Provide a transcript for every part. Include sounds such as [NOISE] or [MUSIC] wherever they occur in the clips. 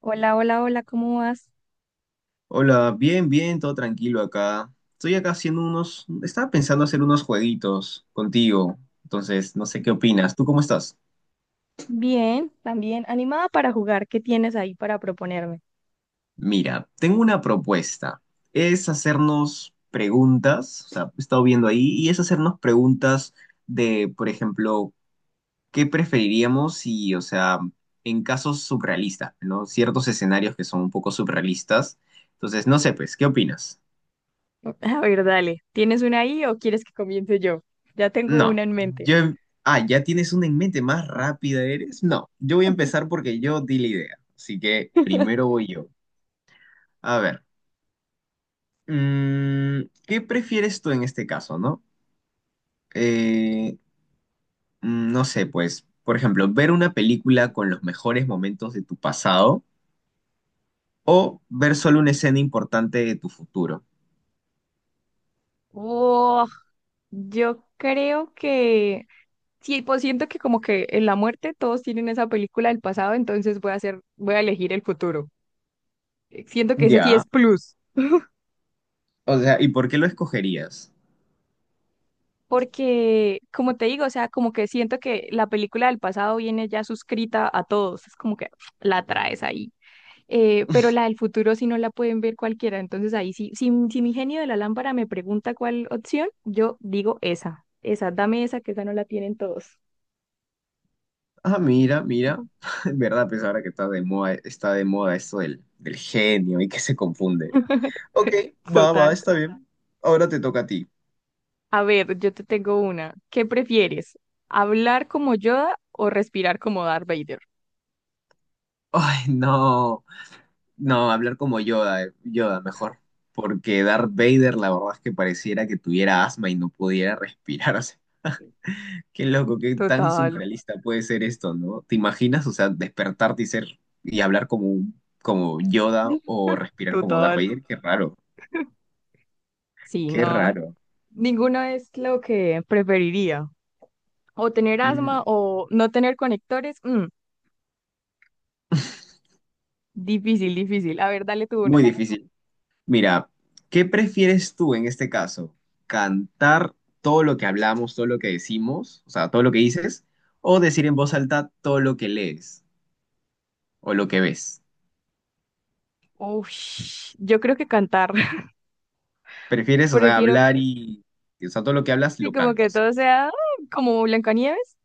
Hola, hola, hola, ¿cómo vas? Hola, bien, bien, todo tranquilo acá. Estoy acá haciendo unos, estaba pensando hacer unos jueguitos contigo, entonces no sé qué opinas. ¿Tú cómo estás? Bien, también animada para jugar. ¿Qué tienes ahí para proponerme? Mira, tengo una propuesta. Es hacernos preguntas, o sea, he estado viendo ahí, y es hacernos preguntas de, por ejemplo, ¿qué preferiríamos si, o sea, en casos surrealistas, ¿no? Ciertos escenarios que son un poco surrealistas. Entonces, no sé, pues, ¿qué opinas? [LAUGHS] A ver, dale, ¿tienes una ahí o quieres que comience yo? Ya tengo No, una en mente. yo... Ah, ¿ya tienes una en mente? ¿Más rápida eres? No, yo voy a empezar porque yo di la idea. Así que primero voy yo. A ver, ¿qué prefieres tú en este caso, no? Eh, no sé, pues, por ejemplo, ver una película con los mejores momentos de tu pasado o ver solo una escena importante de tu futuro. Oh, yo creo que sí, pues siento que como que en la muerte todos tienen esa película del pasado, entonces voy a elegir el futuro. Siento que ese sí es Ya, plus, o sea, ¿y por qué lo escogerías? porque como te digo, o sea, como que siento que la película del pasado viene ya suscrita a todos, es como que [SNIFFS] la traes ahí. Pero la del futuro sí no la pueden ver cualquiera. Entonces ahí sí, si mi genio de la lámpara me pregunta cuál opción, yo digo esa, esa, dame esa, que esa no la tienen todos. Ah, mira, mira. [LAUGHS] En verdad, pues ahora que está de moda esto del genio y que se confunde. Ok, [LAUGHS] va, va, Total. está bien. Ahora te toca a ti. A ver, yo te tengo una. ¿Qué prefieres? ¿Hablar como Yoda o respirar como Darth Vader? Ay, no, no, hablar como Yoda, Yoda mejor, porque Darth Vader la verdad es que pareciera que tuviera asma y no pudiera [LAUGHS] respirar, o sea, qué loco, qué tan Total, surrealista puede ser esto, ¿no? ¿Te imaginas, o sea, despertarte y ser y hablar como como Yoda o respirar como Darth total. Vader? Qué raro, Sí, qué no, raro. ninguno es lo que preferiría. O tener asma Mm, o no tener conectores. Difícil, difícil. A ver, dale tú una. muy difícil. Mira, ¿qué prefieres tú en este caso? ¿Cantar todo lo que hablamos, todo lo que decimos, o sea, todo lo que dices, o decir en voz alta todo lo que lees o lo que ves? Ush, yo creo que cantar. [LAUGHS] ¿Prefieres, o sea, Prefiero, hablar c- y, o sea, todo lo que hablas sí, lo como que cantas? todo sea como Blancanieves.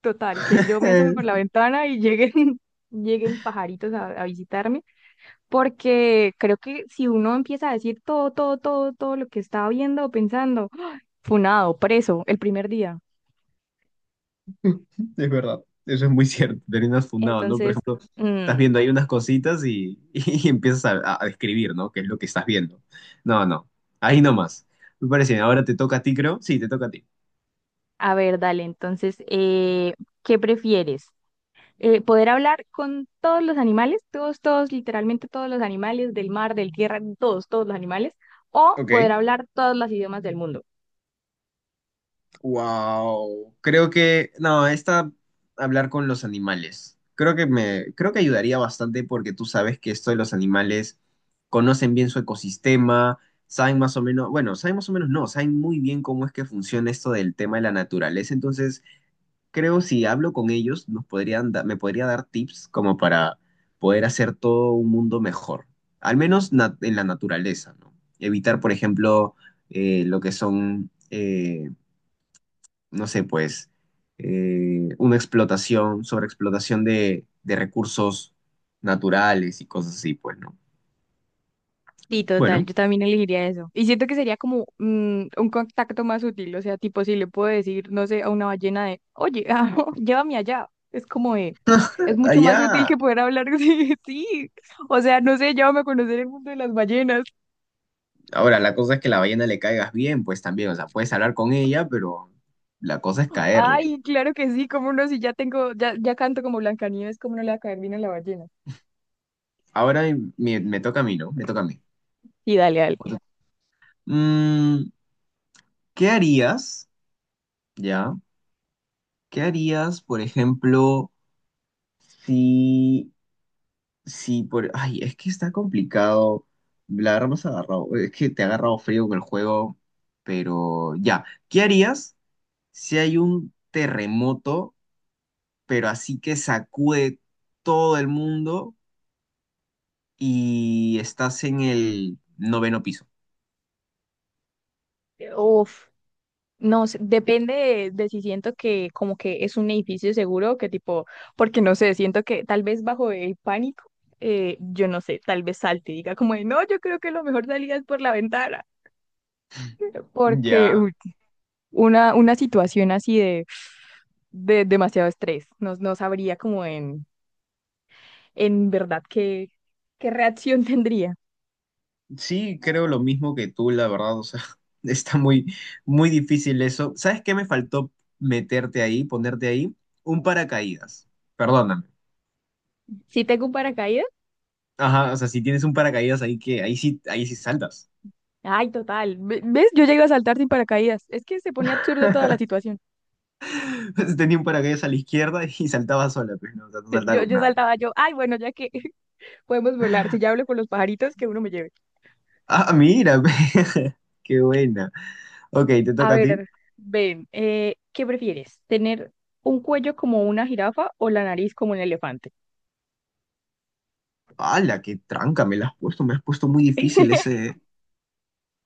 Total, que yo me asome por la [LAUGHS] ventana y lleguen, [LAUGHS] lleguen pajaritos a visitarme. Porque creo que si uno empieza a decir todo, todo, todo, todo lo que estaba viendo o pensando, [GASPS] funado, preso, el primer día. Es verdad, eso es muy cierto, terminas fundado, ¿no? Por Entonces, ejemplo, estás mm, viendo ahí unas cositas y, [LAUGHS] y empiezas a describir, ¿no? ¿Qué es lo que estás viendo? No, no, ahí nomás. Me parece bien, ahora te toca a ti, creo. Sí, te toca a ti. a ver, dale, entonces, eh, ¿qué prefieres? Poder hablar con todos los animales, todos, todos, literalmente todos los animales del mar, del tierra, todos, todos los animales, o poder Ok. hablar todos los idiomas del mundo. Wow. Creo que, no, esta, hablar con los animales. Creo que me, creo que ayudaría bastante porque tú sabes que esto de los animales conocen bien su ecosistema, saben más o menos, bueno, saben más o menos no, saben muy bien cómo es que funciona esto del tema de la naturaleza. Entonces, creo si hablo con ellos, nos podrían da- me podría dar tips como para poder hacer todo un mundo mejor, al menos na- en la naturaleza, ¿no? Evitar, por ejemplo, lo que son no sé, pues, una explotación, sobreexplotación de recursos naturales y cosas así, pues, ¿no? Sí, total, Bueno, yo también elegiría eso. Y siento que sería como un contacto más útil, o sea, tipo si le puedo decir, no sé, a una ballena de, oye, [LAUGHS] ah, llévame allá, es como de, es mucho más útil que allá, poder hablar, [LAUGHS] sí, sí, o sea, no sé, llévame a conocer el mundo de las ballenas. ahora la cosa es que la ballena le caigas bien, pues también, o sea, puedes hablar con ella, pero la cosa es caerle. Ay, claro que sí, cómo no, si ya tengo, ya, ya canto como Blancanieves, cómo no le va a caer bien a la ballena. Ahora me, me toca a mí, ¿no? Me toca a mí. Sí, dale, dale. Mm, ¿qué harías, ya? ¿Qué harías, por ejemplo, si Sí, por... Ay, es que está complicado. La verdad me has agarrado. Es que te ha agarrado frío con el juego. Pero ya. ¿Qué harías si hay un terremoto, pero así que sacude todo el mundo y estás en el noveno piso? Uf, no, sé, depende de si siento que como que es un edificio seguro, que tipo, porque no sé, siento que tal vez bajo el pánico, yo no sé, tal vez salte y diga como de, no, yo creo que lo mejor salida es por la ventana, porque Ya. uy, una situación así de demasiado estrés, no, no sabría como en verdad qué, qué reacción [LAUGHS] tendría. Sí, creo lo mismo que tú, la verdad. O sea, [LAUGHS] está muy, muy difícil eso. ¿Sabes qué me faltó meterte ahí, ponerte ahí? Un paracaídas. Perdóname. Si tengo un paracaídas, Ajá, o sea, si tienes un paracaídas ahí que ahí sí saltas. ay, total, ve- ¿ves? Yo llego a saltar sin paracaídas, es que se pone absurdo toda la situación. [LAUGHS] Tenía un paracaídas a la izquierda [LAUGHS] y saltaba sola, pues no, o sea, no saltaba con Yo nadie. saltaba yo, ay, bueno, ya que [LAUGHS] podemos volar, si ya hablo con los pajaritos, que uno me lleve. Ah, mira, [LAUGHS] pe, qué buena. Ok, te A toca a ti. ver, ven, ¿qué prefieres? ¿Tener un cuello como una jirafa o la nariz como un elefante? ¡Hala, qué tranca! Me la has puesto, me has puesto muy difícil [LAUGHS] ese.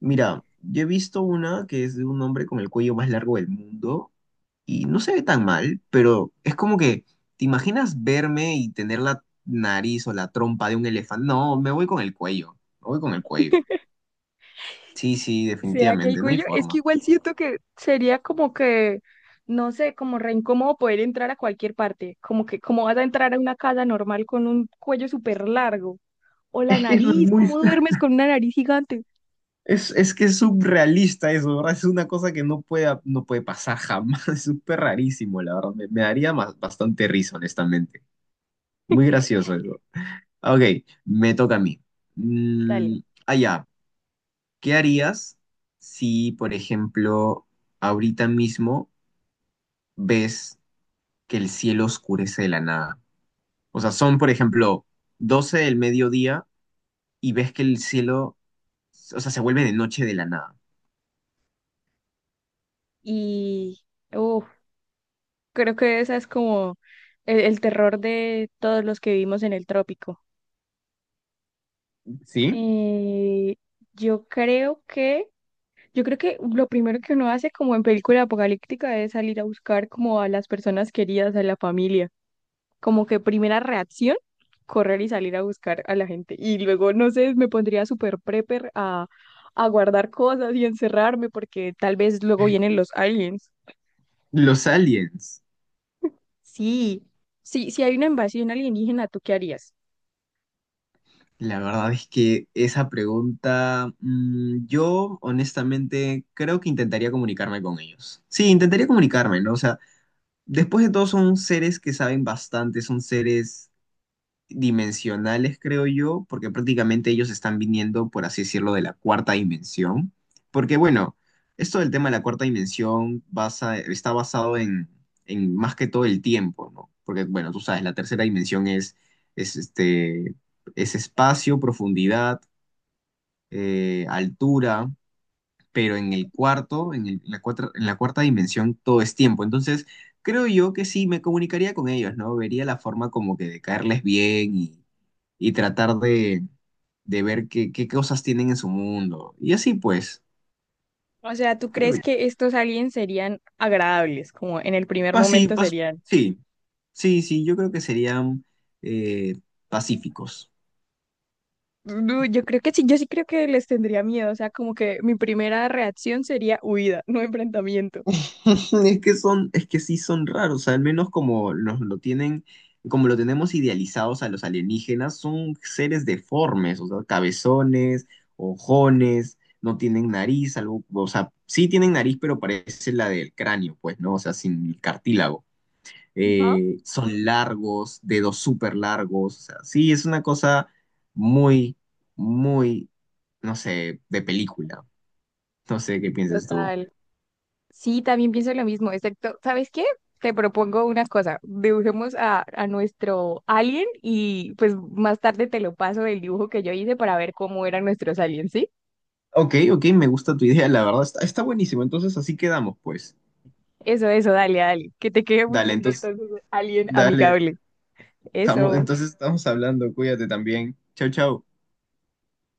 Mira, yo he visto una que es de un hombre con el cuello más largo del mundo y no se ve tan mal, pero es como que, ¿te imaginas verme y tener la nariz o la trompa de un elefante? No, me voy con el cuello, me voy con el cuello. Sí, sí, ¿Será que el definitivamente, no hay cuello? Es que forma. igual siento que sería como que, no sé, como re incómodo poder entrar a cualquier parte. Como que, ¿cómo vas a entrar a una casa normal con un cuello súper largo? O la Es que eso es nariz, muy, ¿cómo duermes con una nariz gigante? Es que es surrealista eso, ¿verdad? Es una cosa que no puede, no puede pasar jamás, [LAUGHS] es súper rarísimo, la verdad. Me daría más- bastante risa, honestamente. Muy gracioso eso. Ok, me toca a mí. Dale. Mm, ya, ¿qué harías si, por ejemplo, ahorita mismo ves que el cielo oscurece de la nada? O sea, son, por ejemplo, 12 del mediodía y ves que el cielo o sea, se vuelve de noche de la nada. Y, uff, Creo que esa es como el terror de todos los que vivimos en el trópico. ¿Sí? Eh, yo creo que, yo creo que lo primero que uno hace como en película apocalíptica es salir a buscar como a las personas queridas, a la familia. Como que primera reacción, correr y salir a buscar a la gente. Y luego, no sé, me pondría súper prepper a guardar cosas y encerrarme porque tal vez luego vienen los aliens. Los aliens. Sí, sí, si hay una invasión alienígena, ¿tú qué harías? La verdad es que esa pregunta, yo honestamente creo que intentaría comunicarme con ellos. Sí, intentaría comunicarme, ¿no? O sea, después de todo son seres que saben bastante, son seres dimensionales, creo yo, porque prácticamente ellos están viniendo, por así decirlo, de la cuarta dimensión. Porque bueno, esto del tema de la cuarta dimensión basa- está basado en más que todo el tiempo, ¿no? Porque bueno, tú sabes, la tercera dimensión es, este, es espacio, profundidad, altura, pero en el cuarto, en en la cuarta dimensión, todo es tiempo. Entonces, creo yo que sí, me comunicaría con ellos, ¿no? Vería la forma como que de caerles bien y tratar de ver qué, qué cosas tienen en su mundo. Y así pues, O sea, ¿tú creo crees que- que estos aliens serían agradables? Como en el primer momento pues serían. sí, sí, sí, yo creo que serían eh, pacíficos. No, yo creo que sí, yo sí creo que les tendría miedo. O sea, como que mi primera reacción sería huida, no enfrentamiento. [LAUGHS] Es que son, es que sí son raros, al menos como nos lo tienen, como lo tenemos idealizados a los alienígenas, son seres deformes, o sea, cabezones, ojones, no tienen nariz, algo, o sea, sí tienen nariz, pero parece la del cráneo, pues, ¿no? O sea, sin el cartílago. Ajá, Son largos, dedos súper largos, o sea, sí, es una cosa muy, muy, no sé, de película. No sé qué piensas tú. total. Sí, también pienso lo mismo, excepto, ¿sabes qué? Te propongo una cosa, dibujemos a nuestro alien y pues más tarde te lo paso el dibujo que yo hice para ver cómo eran nuestros aliens, ¿sí? Ok, ok, me gusta tu idea, la verdad, está, está buenísimo, entonces así quedamos, pues. Eso, dale, dale, que te quede muy Dale, lindo entonces, entonces, alien dale, amigable. estamos, Eso. entonces estamos hablando, cuídate también. Chau, chau.